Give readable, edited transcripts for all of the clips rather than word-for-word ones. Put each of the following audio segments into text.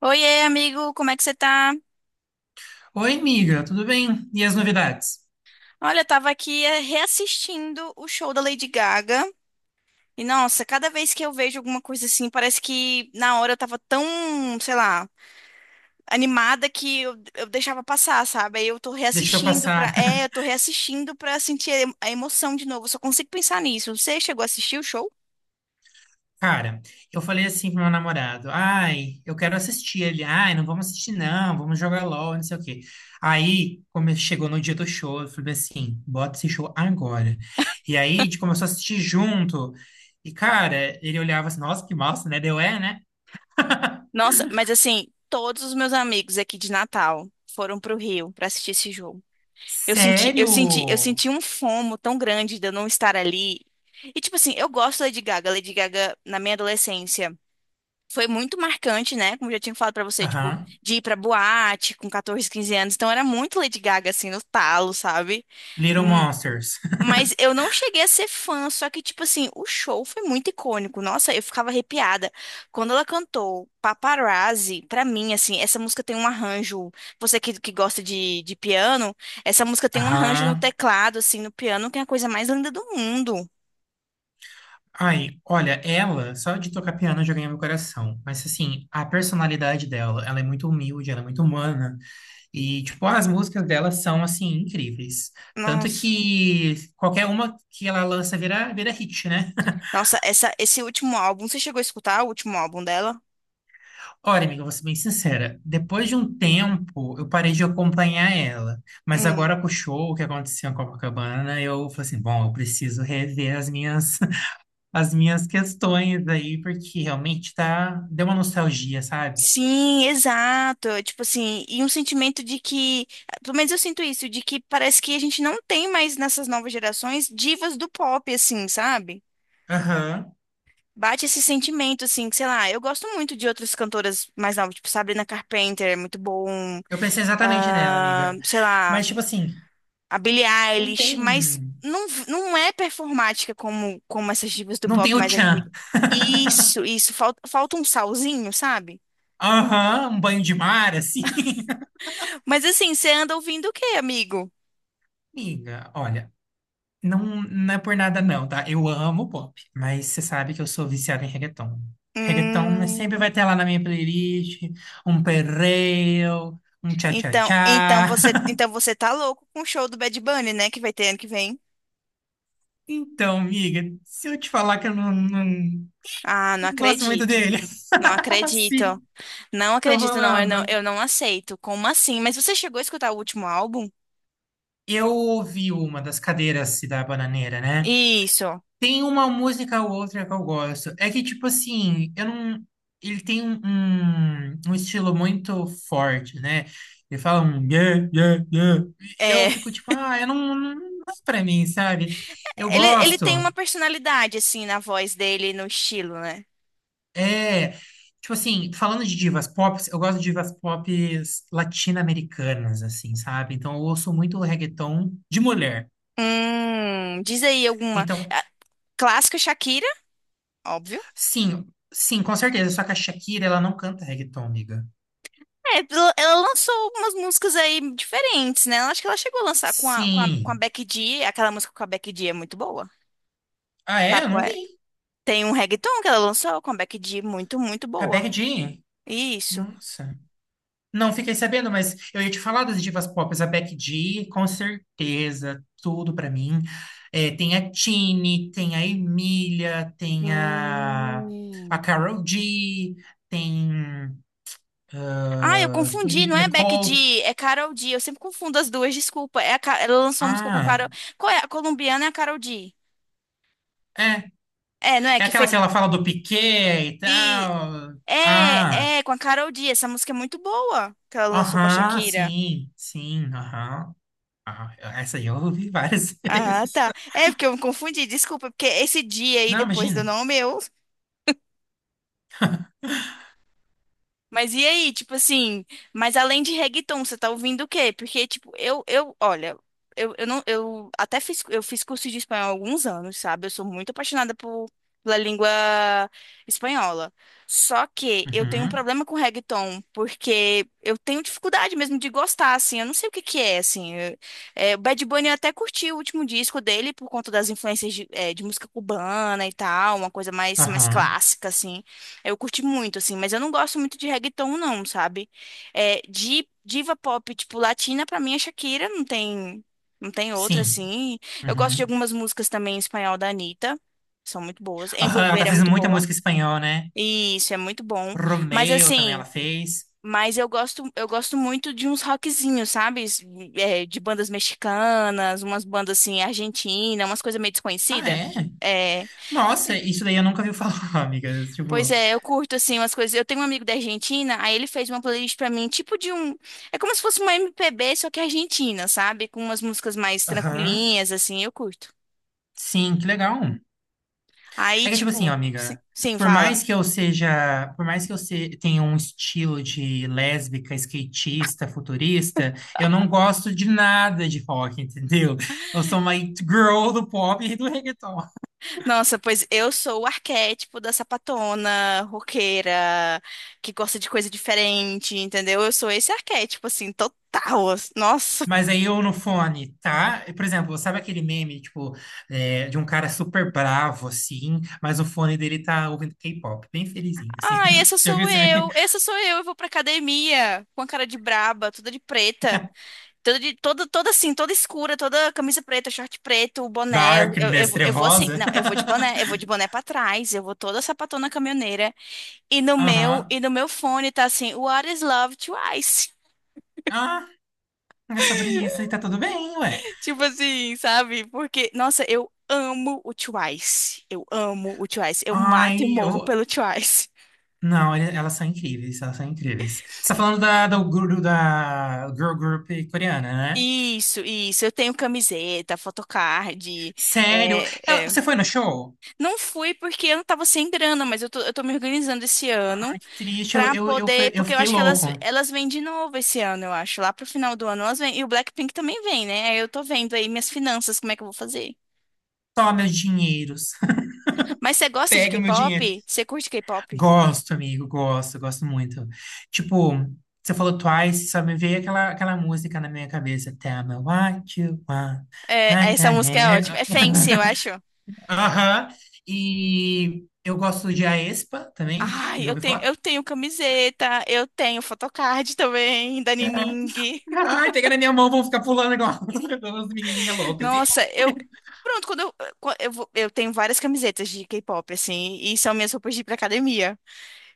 Oiê, amigo, como é que você tá? Oi, amiga, tudo bem? E as novidades? Olha, eu tava aqui reassistindo o show da Lady Gaga. E nossa, cada vez que eu vejo alguma coisa assim, parece que na hora eu tava tão, sei lá, animada que eu deixava passar, sabe? Aí eu tô Deixa eu reassistindo pra. passar. É, eu tô reassistindo pra sentir a emoção de novo. Eu só consigo pensar nisso. Você chegou a assistir o show? Cara, eu falei assim pro meu namorado: ai, eu quero assistir. Ele, ai, não vamos assistir, não, vamos jogar LOL, não sei o quê. Aí, como chegou no dia do show, eu falei assim: bota esse show agora. E aí, a gente começou a assistir junto. E, cara, ele olhava assim: nossa, que massa, né? Deu é, né? Nossa, mas assim, todos os meus amigos aqui de Natal foram pro Rio pra assistir esse jogo. Sério? Eu senti um fomo tão grande de eu não estar ali. E tipo assim, eu gosto da Lady Gaga. A Lady Gaga, na minha adolescência, foi muito marcante, né? Como eu já tinha falado pra você, tipo, Aham. de ir pra boate com 14, 15 anos. Então era muito Lady Gaga, assim, no talo, sabe? Little Monsters. Mas eu não cheguei a ser fã, só que, tipo assim, o show foi muito icônico. Nossa, eu ficava arrepiada. Quando ela cantou Paparazzi, pra mim, assim, essa música tem um arranjo. Você que gosta de piano, essa música tem um arranjo no Aham. teclado, assim, no piano, que é a coisa mais linda do mundo. Ai, olha, ela, só de tocar piano já ganhei meu coração. Mas, assim, a personalidade dela, ela é muito humilde, ela é muito humana. E, tipo, as músicas dela são, assim, incríveis. Tanto Nossa. que qualquer uma que ela lança vira hit, né? Nossa, esse último álbum, você chegou a escutar o último álbum dela? Olha, amiga, eu vou ser bem sincera. Depois de um tempo, eu parei de acompanhar ela. Mas Hum. agora com o show que aconteceu em Copacabana, eu falei assim, bom, eu preciso rever as minhas, as minhas questões aí, porque realmente tá, deu uma nostalgia, sabe? Sim, exato. Tipo assim, e um sentimento de que, pelo menos eu sinto isso, de que parece que a gente não tem mais nessas novas gerações divas do pop, assim, sabe? Aham. Bate esse sentimento, assim, que, sei lá, eu gosto muito de outras cantoras mais novas, tipo Sabrina Carpenter, é muito bom, Eu pensei exatamente nela, ah, amiga. sei lá, Mas, tipo assim, a Billie não Eilish, mas tem. Não é performática como, como essas divas do Não tem pop o mais tchan. antigas. Isso, falta, falta um salzinho, sabe? Aham, um banho de mar, assim. Mas assim, você anda ouvindo o quê, amigo? Amiga, olha, não é por nada, não, tá? Eu amo pop, mas você sabe que eu sou viciado em reggaeton. Reggaeton né, sempre Hum, vai ter lá na minha playlist um perreo, um tchá-tchá-tchá. Então você tá louco com o show do Bad Bunny, né, que vai ter ano que vem? Então, amiga, se eu te falar que eu não, não, Ah, não não gosto muito acredito. dele, Não acredito. assim, Não tô acredito, não, eu falando. não aceito. Como assim? Mas você chegou a escutar o último álbum? Eu ouvi uma das cadeiras da Bananeira, né? Isso. Tem uma música ou outra que eu gosto. É que, tipo assim, eu não. Ele tem um estilo muito forte, né? Ele fala um yeah, yeah, yeah. E eu É, fico tipo, ah, eu não, não, não é pra mim, sabe? Eu ele tem uma gosto. personalidade assim na voz dele, e no estilo, né? É. Tipo assim, falando de divas pop, eu gosto de divas pop latino-americanas, assim, sabe? Então eu ouço muito reggaeton de mulher. Diz aí alguma. Então. Ah, clássico Shakira, óbvio. Sim, sim, com certeza. Só que a Shakira, ela não canta reggaeton, amiga. É, ela lançou umas músicas aí diferentes, né? Eu acho que ela chegou a lançar com a, com a, com a Sim. Becky G. Aquela música com a Becky G é muito boa. Ah, é? Sabe Eu não qual é? vi. Tem um reggaeton que ela lançou com a Becky G, muito Com a Becky boa. G. Isso. Nossa. Não fiquei sabendo, mas eu ia te falar das divas pop. A Becky G, com certeza, tudo pra mim. É, tem a Tini, tem a Emília, tem a Hum. Karol G, tem, Ah, eu tem a confundi, não Nick é Becky Nicole. G, é Karol G. Eu sempre confundo as duas, desculpa. É ela lançou uma música com a Ah, Karol. Qual é? A colombiana é a Karol G. é. É, não é? É Que aquela que fez. ela fala do Piquet e E. tal. Ah. É, é, com a Karol G. Essa música é muito boa que ela lançou com a Aham, Shakira. sim, sim, aham. Aham. Essa aí eu ouvi várias Ah, vezes. tá. É porque eu me confundi, desculpa, porque esse dia aí Não, depois do imagina. nome eu. Mas e aí, tipo assim, mas além de reggaeton, você tá ouvindo o quê? Porque, tipo, olha, eu não, eu até fiz, eu fiz curso de espanhol há alguns anos, sabe? Eu sou muito apaixonada por, pela língua espanhola. Só que eu tenho um Uhum, problema com reggaeton, porque eu tenho dificuldade mesmo de gostar, assim, eu não sei o que que é, assim. O Bad Bunny eu até curti o último disco dele por conta das influências de música cubana e tal, uma coisa mais aham, clássica, assim. Eu curti muito, assim, mas eu não gosto muito de reggaeton, não, sabe? É, de diva pop, tipo, latina, pra mim é Shakira, não tem outra, sim. assim. Eu gosto de Uhum. algumas músicas também em espanhol da Anitta, são muito boas. Aham, ela Envolver tá é fazendo muito muita boa, música em espanhol, né? e isso é muito bom. Mas, Romeo também ela assim, fez. mas eu gosto muito de uns rockzinhos, sabe? De bandas mexicanas, umas bandas, assim, argentinas, umas coisas meio Ah, desconhecidas. é? Nossa, isso daí eu nunca ouvi falar, amiga. Pois Tipo, é, eu curto assim umas coisas. Eu tenho um amigo da Argentina, aí ele fez uma playlist pra mim, é como se fosse uma MPB, só que argentina, sabe? Com umas músicas mais aham, tranquilinhas assim, eu curto. sim, que legal. Aí, É que, tipo assim, ó, tipo, sim, amiga, sim, por fala. mais que eu seja, por mais que eu se- tenha um estilo de lésbica, skatista, futurista, eu não gosto de nada de rock, entendeu? Eu sou uma it girl do pop e do reggaeton. Nossa, pois eu sou o arquétipo da sapatona, roqueira, que gosta de coisa diferente, entendeu? Eu sou esse arquétipo assim, total. Assim, nossa. Mas aí eu no fone, tá? Por exemplo, sabe aquele meme, de um cara super bravo, assim, mas o fone dele tá ouvindo K-pop, bem felizinho, assim. Ai, essa Você já viu sou esse meme? eu. Essa sou eu. Eu vou pra academia com a cara de braba, toda de preta. Toda assim, toda escura, toda camisa preta, short preto, boné. Darkness, Eu vou assim, trevosa. não, eu vou de boné pra trás, eu vou toda sapatona caminhoneira. Aham. E no meu fone tá assim, What is Love Twice? Ah, é sobre isso e tá tudo bem, ué. Tipo assim, sabe? Porque, nossa, eu amo o Twice. Eu amo o Twice. Eu mato e Ai, morro eu. pelo Twice. Não, elas são incríveis, elas são incríveis. Você tá falando da, do guru da girl group coreana, né? Isso, isso. Eu tenho camiseta, photocard. Sério? É, é. Você foi no show? Não fui porque eu não tava sem grana, mas eu tô me organizando esse ano. Ai, que triste, Pra poder, eu porque eu fiquei acho que louco. Elas vêm de novo esse ano, eu acho. Lá pro final do ano elas vêm. E o Blackpink também vem, né? Aí eu tô vendo aí minhas finanças, como é que eu vou fazer. Toma meus dinheiros. Mas você gosta de Pega meu dinheiro. K-pop? Você curte K-pop? Gosto, amigo, gosto, gosto muito. Tipo, você falou Twice, só me veio aquela música na minha cabeça. Tell me what you want. É, What essa you música é need. ótima. É Fancy, eu acho. Aham. E eu gosto de aespa também. Ai, Já ouvi falar? eu tenho camiseta, eu tenho photocard também, da Nining. Ai, pega na minha mão, vou ficar pulando igual as menininhas loucas. Nossa, eu. Pronto, quando eu, vou- eu tenho várias camisetas de K-pop, assim, e são minhas roupas de ir pra academia.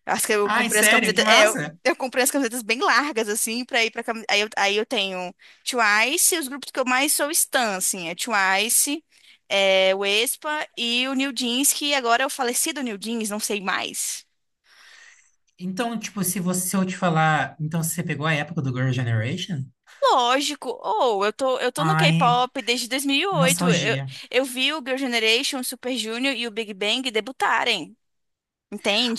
Acho que eu Ai, comprei as sério, que camisetas. Massa. Eu comprei as camisetas bem largas, assim, pra ir pra. Cam- aí eu, aí eu tenho Twice, os grupos que eu mais sou stan, assim, é Twice, é, o Aespa e o New Jeans, que agora é o falecido New Jeans, não sei mais. Então, tipo, se você se eu te falar, então você pegou a época do Girl Generation? Lógico, ou eu tô no Ai, K-pop desde 2008. Nostalgia. Eu vi o Girl Generation, o Super Junior e o Big Bang debutarem,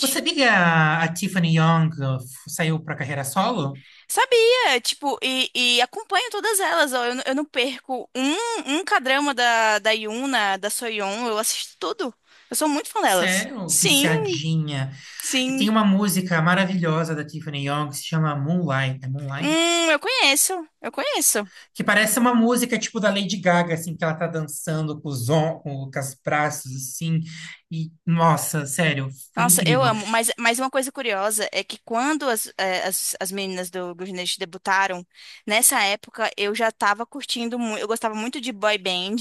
Você sabia que a Tiffany Young saiu pra carreira solo? Sabia, tipo, e acompanho todas elas, ó, eu não perco um K-drama da Yuna, da Soyeon, eu assisto tudo. Eu sou muito fã delas. Sério, Sim, viciadinha. E tem sim. uma música maravilhosa da Tiffany Young que se chama Moonlight. É Moonlight? Eu conheço. Que parece uma música tipo da Lady Gaga, assim, que ela tá dançando com com os braços, assim. E, nossa, sério, foi Nossa, eu incrível. amo. Mas uma coisa curiosa é que quando as meninas do Gurnet debutaram, nessa época eu já tava curtindo muito, eu gostava muito de boy band.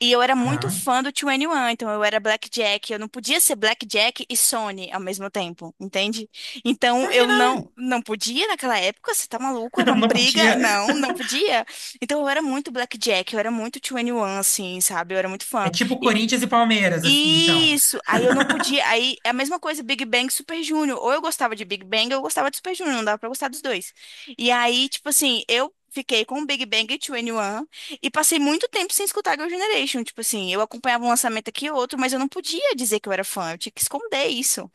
E eu era muito Hã? fã do 2NE1, então eu era Blackjack. Eu não podia ser Blackjack e Sony ao mesmo tempo, entende? Então Por que eu não? Não podia naquela época, você tá maluco? Era uma Não briga. podia. Não, não podia. Então eu era muito Blackjack, eu era muito 2NE1, assim, sabe? Eu era muito fã. É tipo Corinthians e Palmeiras, assim, então. Isso, aí eu não podia. Aí é a mesma coisa, Big Bang e Super Junior. Ou eu gostava de Big Bang ou eu gostava de Super Junior, não dava pra gostar dos dois. E aí, tipo assim, eu fiquei com Big Bang e 2NE1 e passei muito tempo sem escutar Girl Generation. Tipo assim, eu acompanhava um lançamento aqui e outro, mas eu não podia dizer que eu era fã, eu tinha que esconder isso.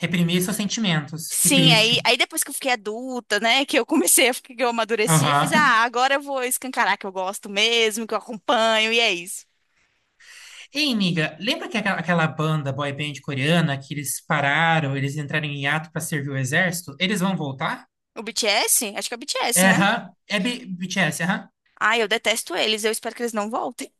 Reprimir seus sentimentos. Que Sim, triste. aí depois que eu fiquei adulta, né, que eu comecei a ficar, que eu amadureci, eu fiz, Aham. ah, agora eu vou escancarar que eu gosto mesmo, que eu acompanho, e é isso. Ei, amiga, lembra que aquela banda boy band coreana que eles pararam, eles entraram em hiato pra servir o exército? Eles vão voltar? O BTS? Acho que é o BTS, É, né? aham. É BTS, aham. Ai, eu detesto eles, eu espero que eles não voltem.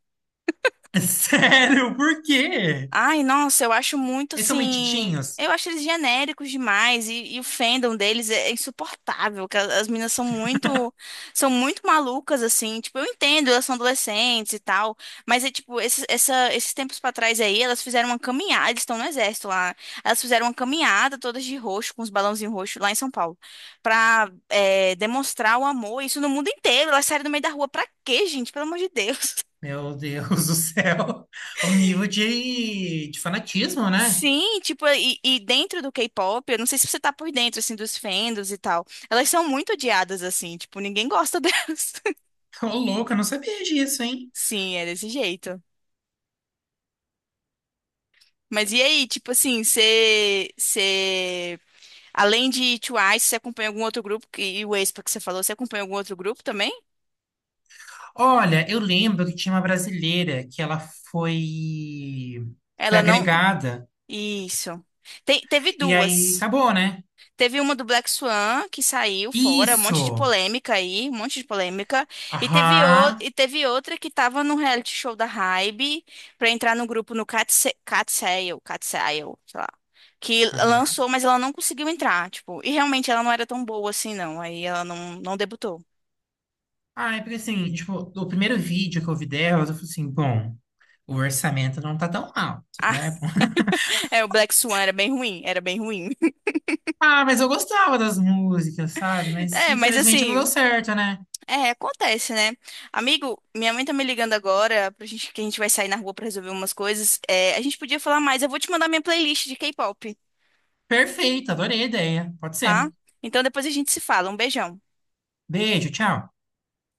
Sério, por quê? Ai, nossa, eu acho muito Eles são assim. metidinhos? Eu acho eles genéricos demais e o fandom deles é insuportável, que as meninas são muito malucas assim, tipo, eu entendo, elas são adolescentes e tal, mas é tipo, esses tempos pra trás aí, elas fizeram uma caminhada, eles estão no exército lá. Elas fizeram uma caminhada todas de roxo, com os balãozinhos roxos lá em São Paulo, demonstrar o amor, isso no mundo inteiro. Elas saíram no meio da rua pra quê, gente? Pelo amor de Deus. Meu Deus do céu, o nível de fanatismo, né? Sim, tipo, e dentro do K-pop, eu não sei se você tá por dentro, assim, dos fandoms e tal. Elas são muito odiadas, assim, tipo, ninguém gosta delas. Ô, louco, eu não sabia disso, hein? Sim, é desse jeito. Mas e aí, tipo assim, você, além de Twice, você acompanha algum outro grupo? E o Aespa que você falou, você acompanha algum outro grupo também? Olha, eu lembro que tinha uma brasileira que ela foi foi Ela não. agregada Isso. Teve e aí duas. acabou, né? Teve uma do Black Swan que saiu fora, um monte de Isso. polêmica aí, um monte de polêmica. E teve, o... Aham. e teve outra que tava no reality show da Hybe pra entrar no grupo no Catsail, Catsail, sei lá. Que Aham. lançou, mas ela não conseguiu entrar, tipo, e realmente ela não era tão boa assim, não. Aí ela não debutou. Ah, é porque assim, tipo, o primeiro vídeo que eu vi dela, eu falei assim, bom, o orçamento não tá tão alto, né? É, o Black Swan era bem ruim, era bem ruim. Ah, mas eu gostava das músicas, sabe? Mas É, mas infelizmente não deu assim, certo, né? é, acontece, né? Amigo, minha mãe tá me ligando agora pra gente que a gente vai sair na rua pra resolver umas coisas. É, a gente podia falar mais. Eu vou te mandar minha playlist de K-pop, Perfeito, adorei a ideia. Pode tá? ser. Então depois a gente se fala. Um beijão. Beijo, tchau.